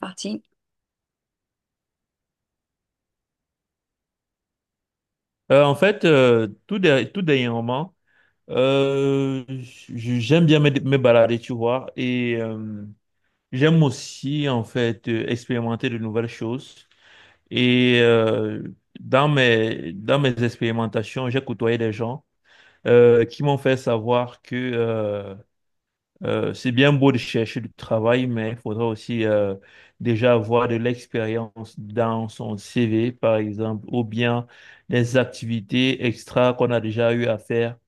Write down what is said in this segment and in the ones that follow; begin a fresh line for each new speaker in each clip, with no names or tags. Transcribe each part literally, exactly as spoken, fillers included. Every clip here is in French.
Partie.
Euh, en fait, euh, tout, derrière tout dernièrement, euh, j- j'aime bien me, me balader, tu vois, et euh, j'aime aussi, en fait, euh, expérimenter de nouvelles choses. Et euh, dans mes, dans mes expérimentations, j'ai côtoyé des gens euh, qui m'ont fait savoir que euh, euh, c'est bien beau de chercher du travail, mais il faudra aussi euh, déjà avoir de l'expérience dans son C V, par exemple, ou bien des activités extra qu'on a déjà eu à faire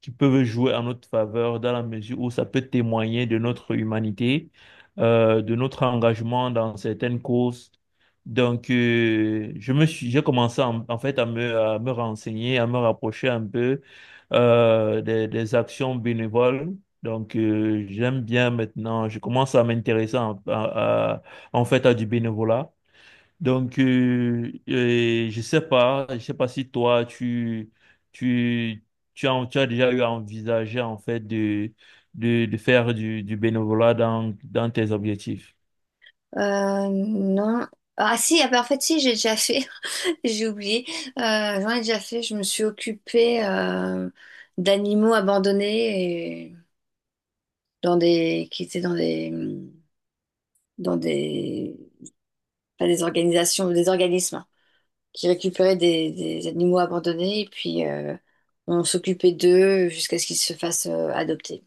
qui peuvent jouer en notre faveur dans la mesure où ça peut témoigner de notre humanité, euh, de notre engagement dans certaines causes. Donc, euh, je me suis, j'ai commencé en, en fait à me, à me renseigner, à me rapprocher un peu euh, des, des actions bénévoles donc, euh, j'aime bien maintenant, je commence à m'intéresser en, à- à- en fait à du bénévolat. Donc, euh, euh, je sais pas, je sais pas si toi, tu, tu, tu as, tu as déjà eu à envisager en fait de, de, de faire du, du bénévolat dans, dans tes objectifs.
Euh, non. Ah si, ah bah, en fait si, j'ai déjà fait. J'ai oublié. Euh, j'en ai déjà fait. Je me suis occupée euh, d'animaux abandonnés et dans des qui étaient dans des dans des pas des organisations, des organismes hein. Qui récupéraient des, des animaux abandonnés et puis euh, on s'occupait d'eux jusqu'à ce qu'ils se fassent euh, adopter.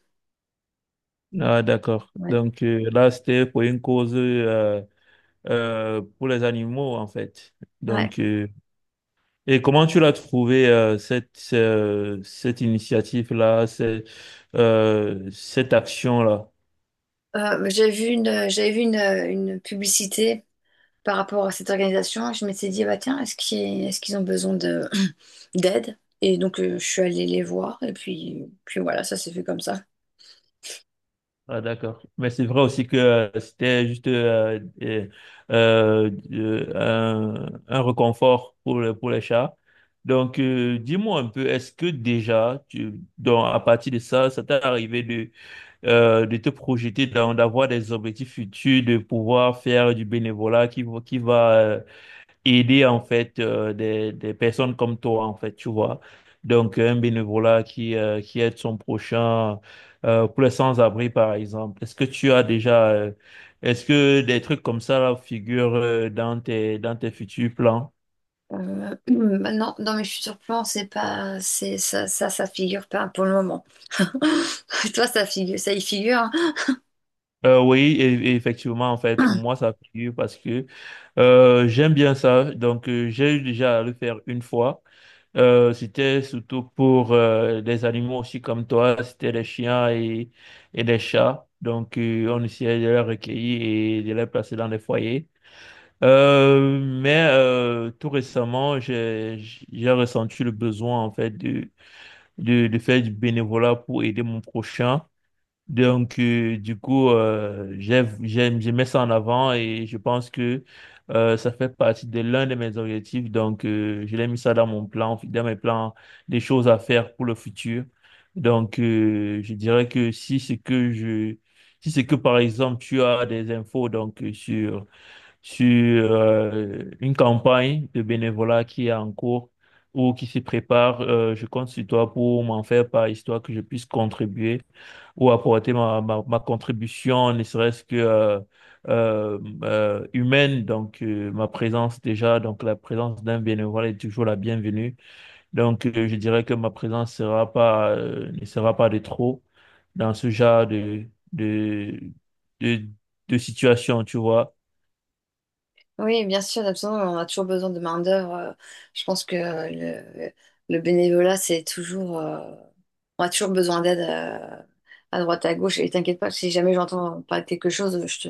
Ah, d'accord.
Ouais.
Donc, euh, là, c'était pour une cause euh, euh, pour les animaux en fait.
Ouais.
Donc, euh, Et comment tu l'as trouvé euh, cette euh, cette initiative-là, cette euh, cette action-là?
Euh, j'ai vu une j'avais vu une, une publicité par rapport à cette organisation. Je m'étais dit, bah tiens, est-ce qu'ils est-ce qu'ils ont besoin de d'aide? Et donc, euh, je suis allée les voir, et puis, puis voilà, ça s'est fait comme ça.
Ah d'accord. Mais c'est vrai aussi que euh, c'était juste euh, euh, euh, euh, un, un réconfort pour le- pour les chats. Donc euh, dis-moi un peu, est-ce que déjà tu donc à partir de ça, ça t'est arrivé de euh, de te projeter dans d'avoir des objectifs futurs, de pouvoir faire du bénévolat qui va- qui va euh, aider en fait euh, des, des personnes comme toi en fait, tu vois. Donc un bénévolat qui, euh, qui aide son prochain euh, pour les sans-abri par exemple. Est-ce que tu as déjà euh, est-ce que des trucs comme ça là, figurent euh, dans tes dans tes futurs plans?
Euh, maintenant, dans mes futurs plans, c'est pas, c'est ça, ça, ça figure pas pour le moment. Toi, ça figure, ça y figure.
Euh, oui, et- et effectivement, en fait, pour
Hein.
moi, ça figure parce que euh, j'aime bien ça. Donc, euh, j'ai eu déjà à le faire une fois. Euh, c'était surtout pour euh, des animaux aussi comme toi, c'était les chiens et, et les chats. Donc, euh, on essayait de les recueillir et de les placer dans des foyers. Euh, mais euh, tout récemment, j'ai j'ai ressenti le besoin en fait de, de, de faire du bénévolat pour aider mon prochain. Donc, euh, du coup, euh, j'ai- j'aime, je mets ça en avant et je pense que euh, ça fait partie de l'un de mes objectifs. Donc, euh, je l'ai mis ça dans mon plan, dans mes plans, des choses à faire pour le futur. Donc, euh, je dirais que si c'est que je, si c'est que par exemple tu as des infos donc euh, sur sur euh, une campagne de bénévolat qui est en cours ou qui se prépare. Euh, je compte sur toi pour m'en faire part, histoire que je puisse contribuer ou apporter ma, ma, ma contribution, ne serait-ce que euh, euh, euh, humaine. Donc, euh, ma présence déjà, donc la présence d'un bénévole est toujours la bienvenue. Donc, euh, je dirais que ma présence sera pas, euh, ne sera pas de trop dans ce genre de, de, de, de situation, tu vois.
Oui, bien sûr, absolument. On a toujours besoin de main-d'œuvre. Euh, Je pense que euh, le, le bénévolat, c'est toujours. Euh, on a toujours besoin d'aide euh, à droite, à gauche. Et t'inquiète pas, si jamais j'entends parler de quelque chose, je te,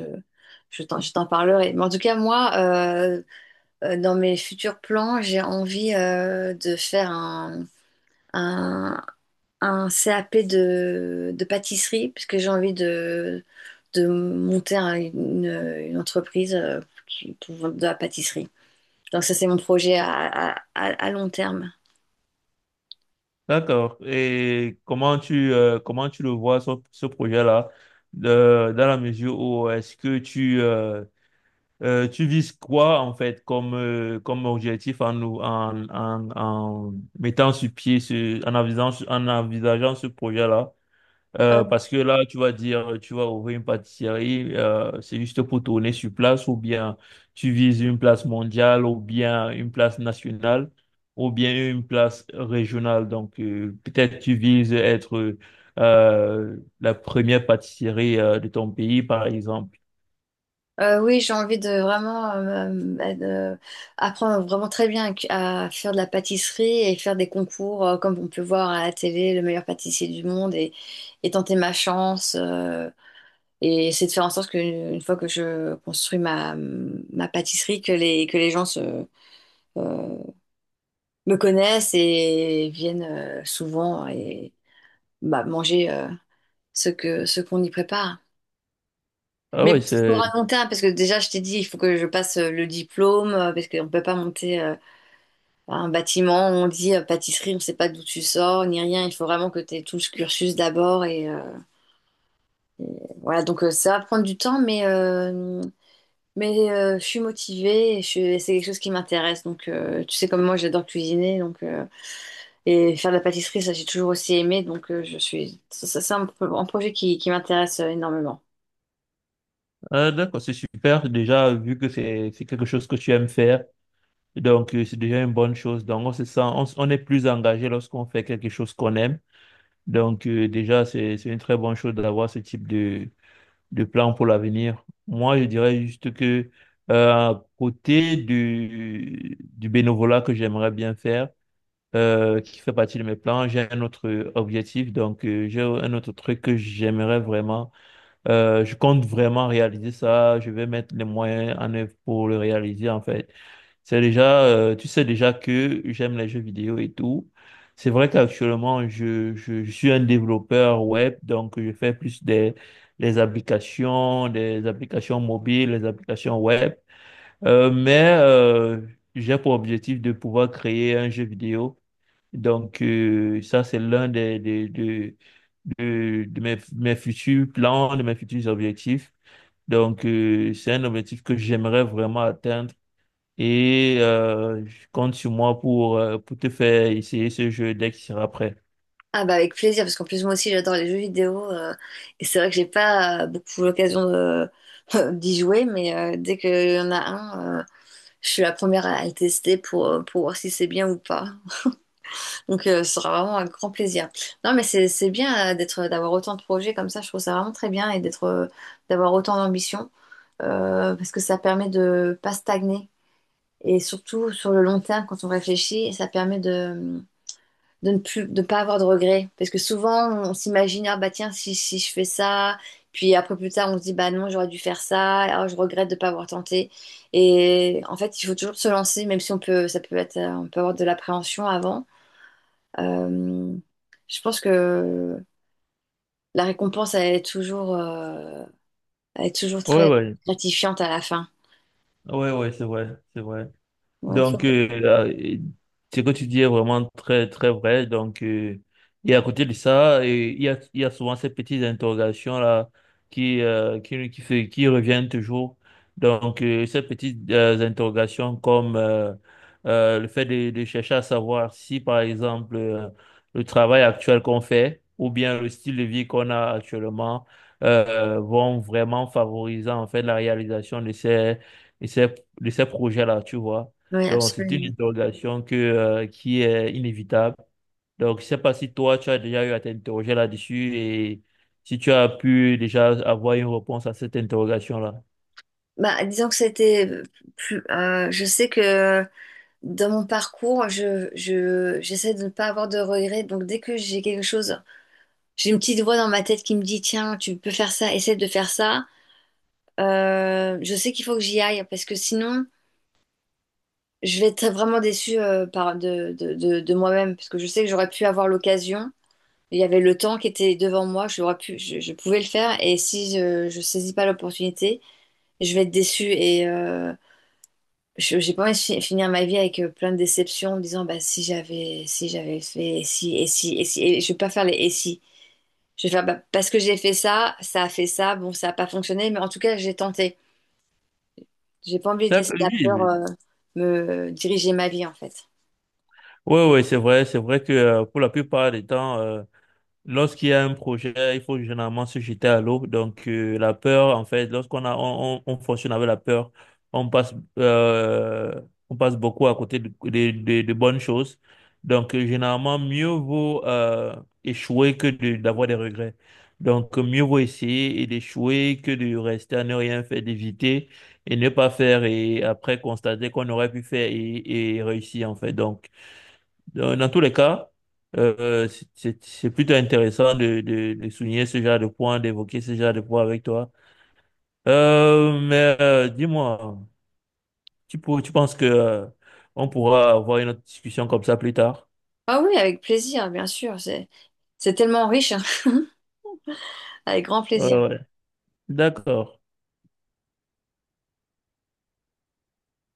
je t'en, je t'en parlerai. Mais en tout cas, moi, euh, euh, dans mes futurs plans, j'ai envie euh, de faire un, un, un C A P de, de pâtisserie, puisque j'ai envie de, de monter un- une, une entreprise euh, qui- pour de la pâtisserie. Donc ça, c'est mon projet à, à, à- à long terme.
D'accord. Et comment tu, euh, comment tu le vois, ce, ce projet-là, de- dans la mesure où est-ce que tu, euh, euh, tu vises quoi, en fait, comme, euh, comme objectif en, nous- en, en, en mettant sur pied, ce, en envisageant, en envisageant ce projet-là?
Euh,
Euh, parce que là, tu vas dire, tu vas ouvrir une pâtisserie, euh, c'est juste pour tourner sur place, ou bien tu vises une place mondiale, ou bien une place nationale, ou bien une place régionale. Donc, euh, peut-être tu vises être euh, la première pâtisserie euh, de ton pays, par exemple.
euh, oui, j'ai envie de vraiment euh, bah, de- apprendre vraiment très bien à, à faire de la pâtisserie et faire des concours euh, comme on peut voir à la télé, le meilleur pâtissier du monde et, et tenter ma chance. Euh, et c'est de faire en sorte qu'une fois que je construis ma, ma pâtisserie, que les, que les gens se, euh, me connaissent et viennent euh, souvent et, bah, manger euh, ce que ce qu'on y prépare.
Ah
Mais
oui,
bon, c'est pour
c'est
un long terme, parce que déjà, je t'ai dit, il faut que je passe euh, le diplôme, euh, parce qu'on ne peut pas monter euh, un bâtiment. On dit euh, pâtisserie, on ne sait pas d'où tu sors, ni rien. Il faut vraiment que tu aies tout ce cursus d'abord. Et, euh, et voilà, donc euh, ça va prendre du temps, mais, euh, mais euh, je suis motivée, et je, suis- c'est quelque chose qui m'intéresse. Donc, euh, tu sais, comme moi, j'adore cuisiner, donc, euh, et faire de la pâtisserie, ça, j'ai toujours aussi aimé. Donc, euh, je suis, ça, ça, c'est un, pro- un projet qui, qui m'intéresse euh, énormément.
ah, d'accord, c'est super. Déjà, vu que c'est c'est quelque chose que tu aimes faire, donc euh, c'est déjà une bonne chose. Donc, on se sent, on, s- on est plus engagé lorsqu'on fait quelque chose qu'on aime. Donc, euh, déjà, c'est, c'est une très bonne chose d'avoir ce type de, de plan pour l'avenir. Moi, je dirais juste que, euh, à côté du, du bénévolat que j'aimerais bien faire, euh, qui fait partie de mes plans, j'ai un autre objectif. Donc, euh, j'ai un autre truc que j'aimerais vraiment. euh, je compte vraiment réaliser ça. Je vais mettre les moyens en œuvre pour le réaliser, en fait. C'est déjà, euh, tu sais déjà que j'aime les jeux vidéo et tout. C'est vrai qu'actuellement, je, je, je suis un développeur web, donc je fais plus des, des applications, des applications mobiles, des applications web. Euh, mais euh, j'ai pour objectif de pouvoir créer un jeu vidéo. Donc euh, ça, c'est l'un des, des, de, de, de mes, mes futurs plans, de mes futurs objectifs. Donc euh, c'est un objectif que j'aimerais vraiment atteindre et euh, je compte sur moi pour, euh, pour te faire essayer ce jeu dès qu'il sera prêt.
Ah bah avec plaisir, parce qu'en plus moi aussi j'adore les jeux vidéo, euh, et c'est vrai que j'ai pas euh, beaucoup l'occasion de- d'y jouer, mais euh, dès qu'il y en a un, euh, je suis la première à le tester pour, euh, pour voir si c'est bien ou pas. Donc euh, ce sera vraiment un grand plaisir. Non mais c'est c'est bien euh, d'être d'avoir autant de projets comme ça, je trouve ça vraiment très bien et d'être euh, d'avoir autant d'ambition, euh, parce que ça permet de pas stagner et surtout sur le long terme quand on réfléchit, ça permet de ne plus, de pas avoir de regrets. Parce que souvent, on s'imagine, ah bah tiens, si, si je fais ça, puis après plus tard, on se dit, bah non, j'aurais dû faire ça, ah, je regrette de ne pas avoir tenté. Et en fait, il faut toujours se lancer, même si on peut, ça peut être, euh, on peut avoir de l'appréhension avant. Euh, je pense que la récompense, elle est toujours, euh, elle est toujours
Ouais,
très
ouais.
gratifiante à la fin.
Ouais, ouais, c'est vrai, c'est vrai.
Ouais,
Donc,
faut-
euh, euh, ce que tu dis est vraiment très, très vrai. Donc, euh, et à côté de ça, euh, il y a, il y a souvent ces petites interrogations-là qui, euh, qui, qui, se- qui reviennent toujours. Donc, euh, ces petites euh, interrogations comme euh, euh, le fait de, de chercher à savoir si, par exemple, euh, le travail actuel qu'on fait ou bien le style de vie qu'on a actuellement euh, vont vraiment favoriser en fait la réalisation de ces, de ces, de ces projets-là, tu vois.
ouais,
Donc, c'est une
absolument.
interrogation que, euh, qui est inévitable. Donc, je sais pas si toi, tu as déjà eu à t'interroger là-dessus et si tu as pu déjà avoir une réponse à cette interrogation-là.
Bah, disons que c'était plus, euh, je sais que dans mon parcours, je, je, j'essaie de ne pas avoir de regrets. Donc, dès que j'ai quelque chose, j'ai une petite voix dans ma tête qui me dit, tiens, tu peux faire ça, essaie de faire ça. Euh, je sais qu'il faut que j'y aille parce que sinon, je vais être vraiment déçue euh, par de, de, de, de moi-même parce que je sais que j'aurais pu avoir l'occasion. Il y avait le temps qui était devant moi, j'aurais pu, je, je pouvais le faire. Et si je, je saisis pas l'opportunité, je vais être déçue. Et, euh, Je j'ai pas envie de fi- finir ma vie avec euh, plein de déceptions en me disant bah si j'avais si j'avais fait et si et si et si et je vais pas faire les et si. Je vais faire bah, parce que j'ai fait ça, ça a fait ça, bon ça a pas fonctionné mais en tout cas j'ai tenté. J'ai pas envie de laisser
D'accord.
la
Oui,
peur
oui,
euh, me diriger ma vie en fait.
oui, oui, c'est vrai, c'est vrai que euh, pour la plupart des temps, euh, lorsqu'il y a un projet, il faut généralement se jeter à l'eau. Donc, euh, la peur, en fait, lorsqu'on a, on, on, on fonctionne avec la peur, on passe, euh, on passe beaucoup à côté de, de, de- de bonnes choses. Donc, euh, généralement, mieux vaut euh, échouer que de- d'avoir des regrets. Donc, euh, mieux vaut essayer et d'échouer que de rester à ne rien faire, d'éviter et ne pas faire et après constater qu'on aurait pu faire et, et réussir, en fait. Donc, donc, dans tous les cas, euh, c'est c'est- c'est plutôt intéressant de, de, de souligner ce genre de points, d'évoquer ce genre de points avec toi. Euh, mais euh, dis-moi, tu, pour- tu penses que euh, on pourra avoir une autre discussion comme ça plus tard?
Ah oui, avec plaisir bien sûr, c'est c'est tellement riche, hein. Avec grand
Ouais,
plaisir.
ouais. D'accord.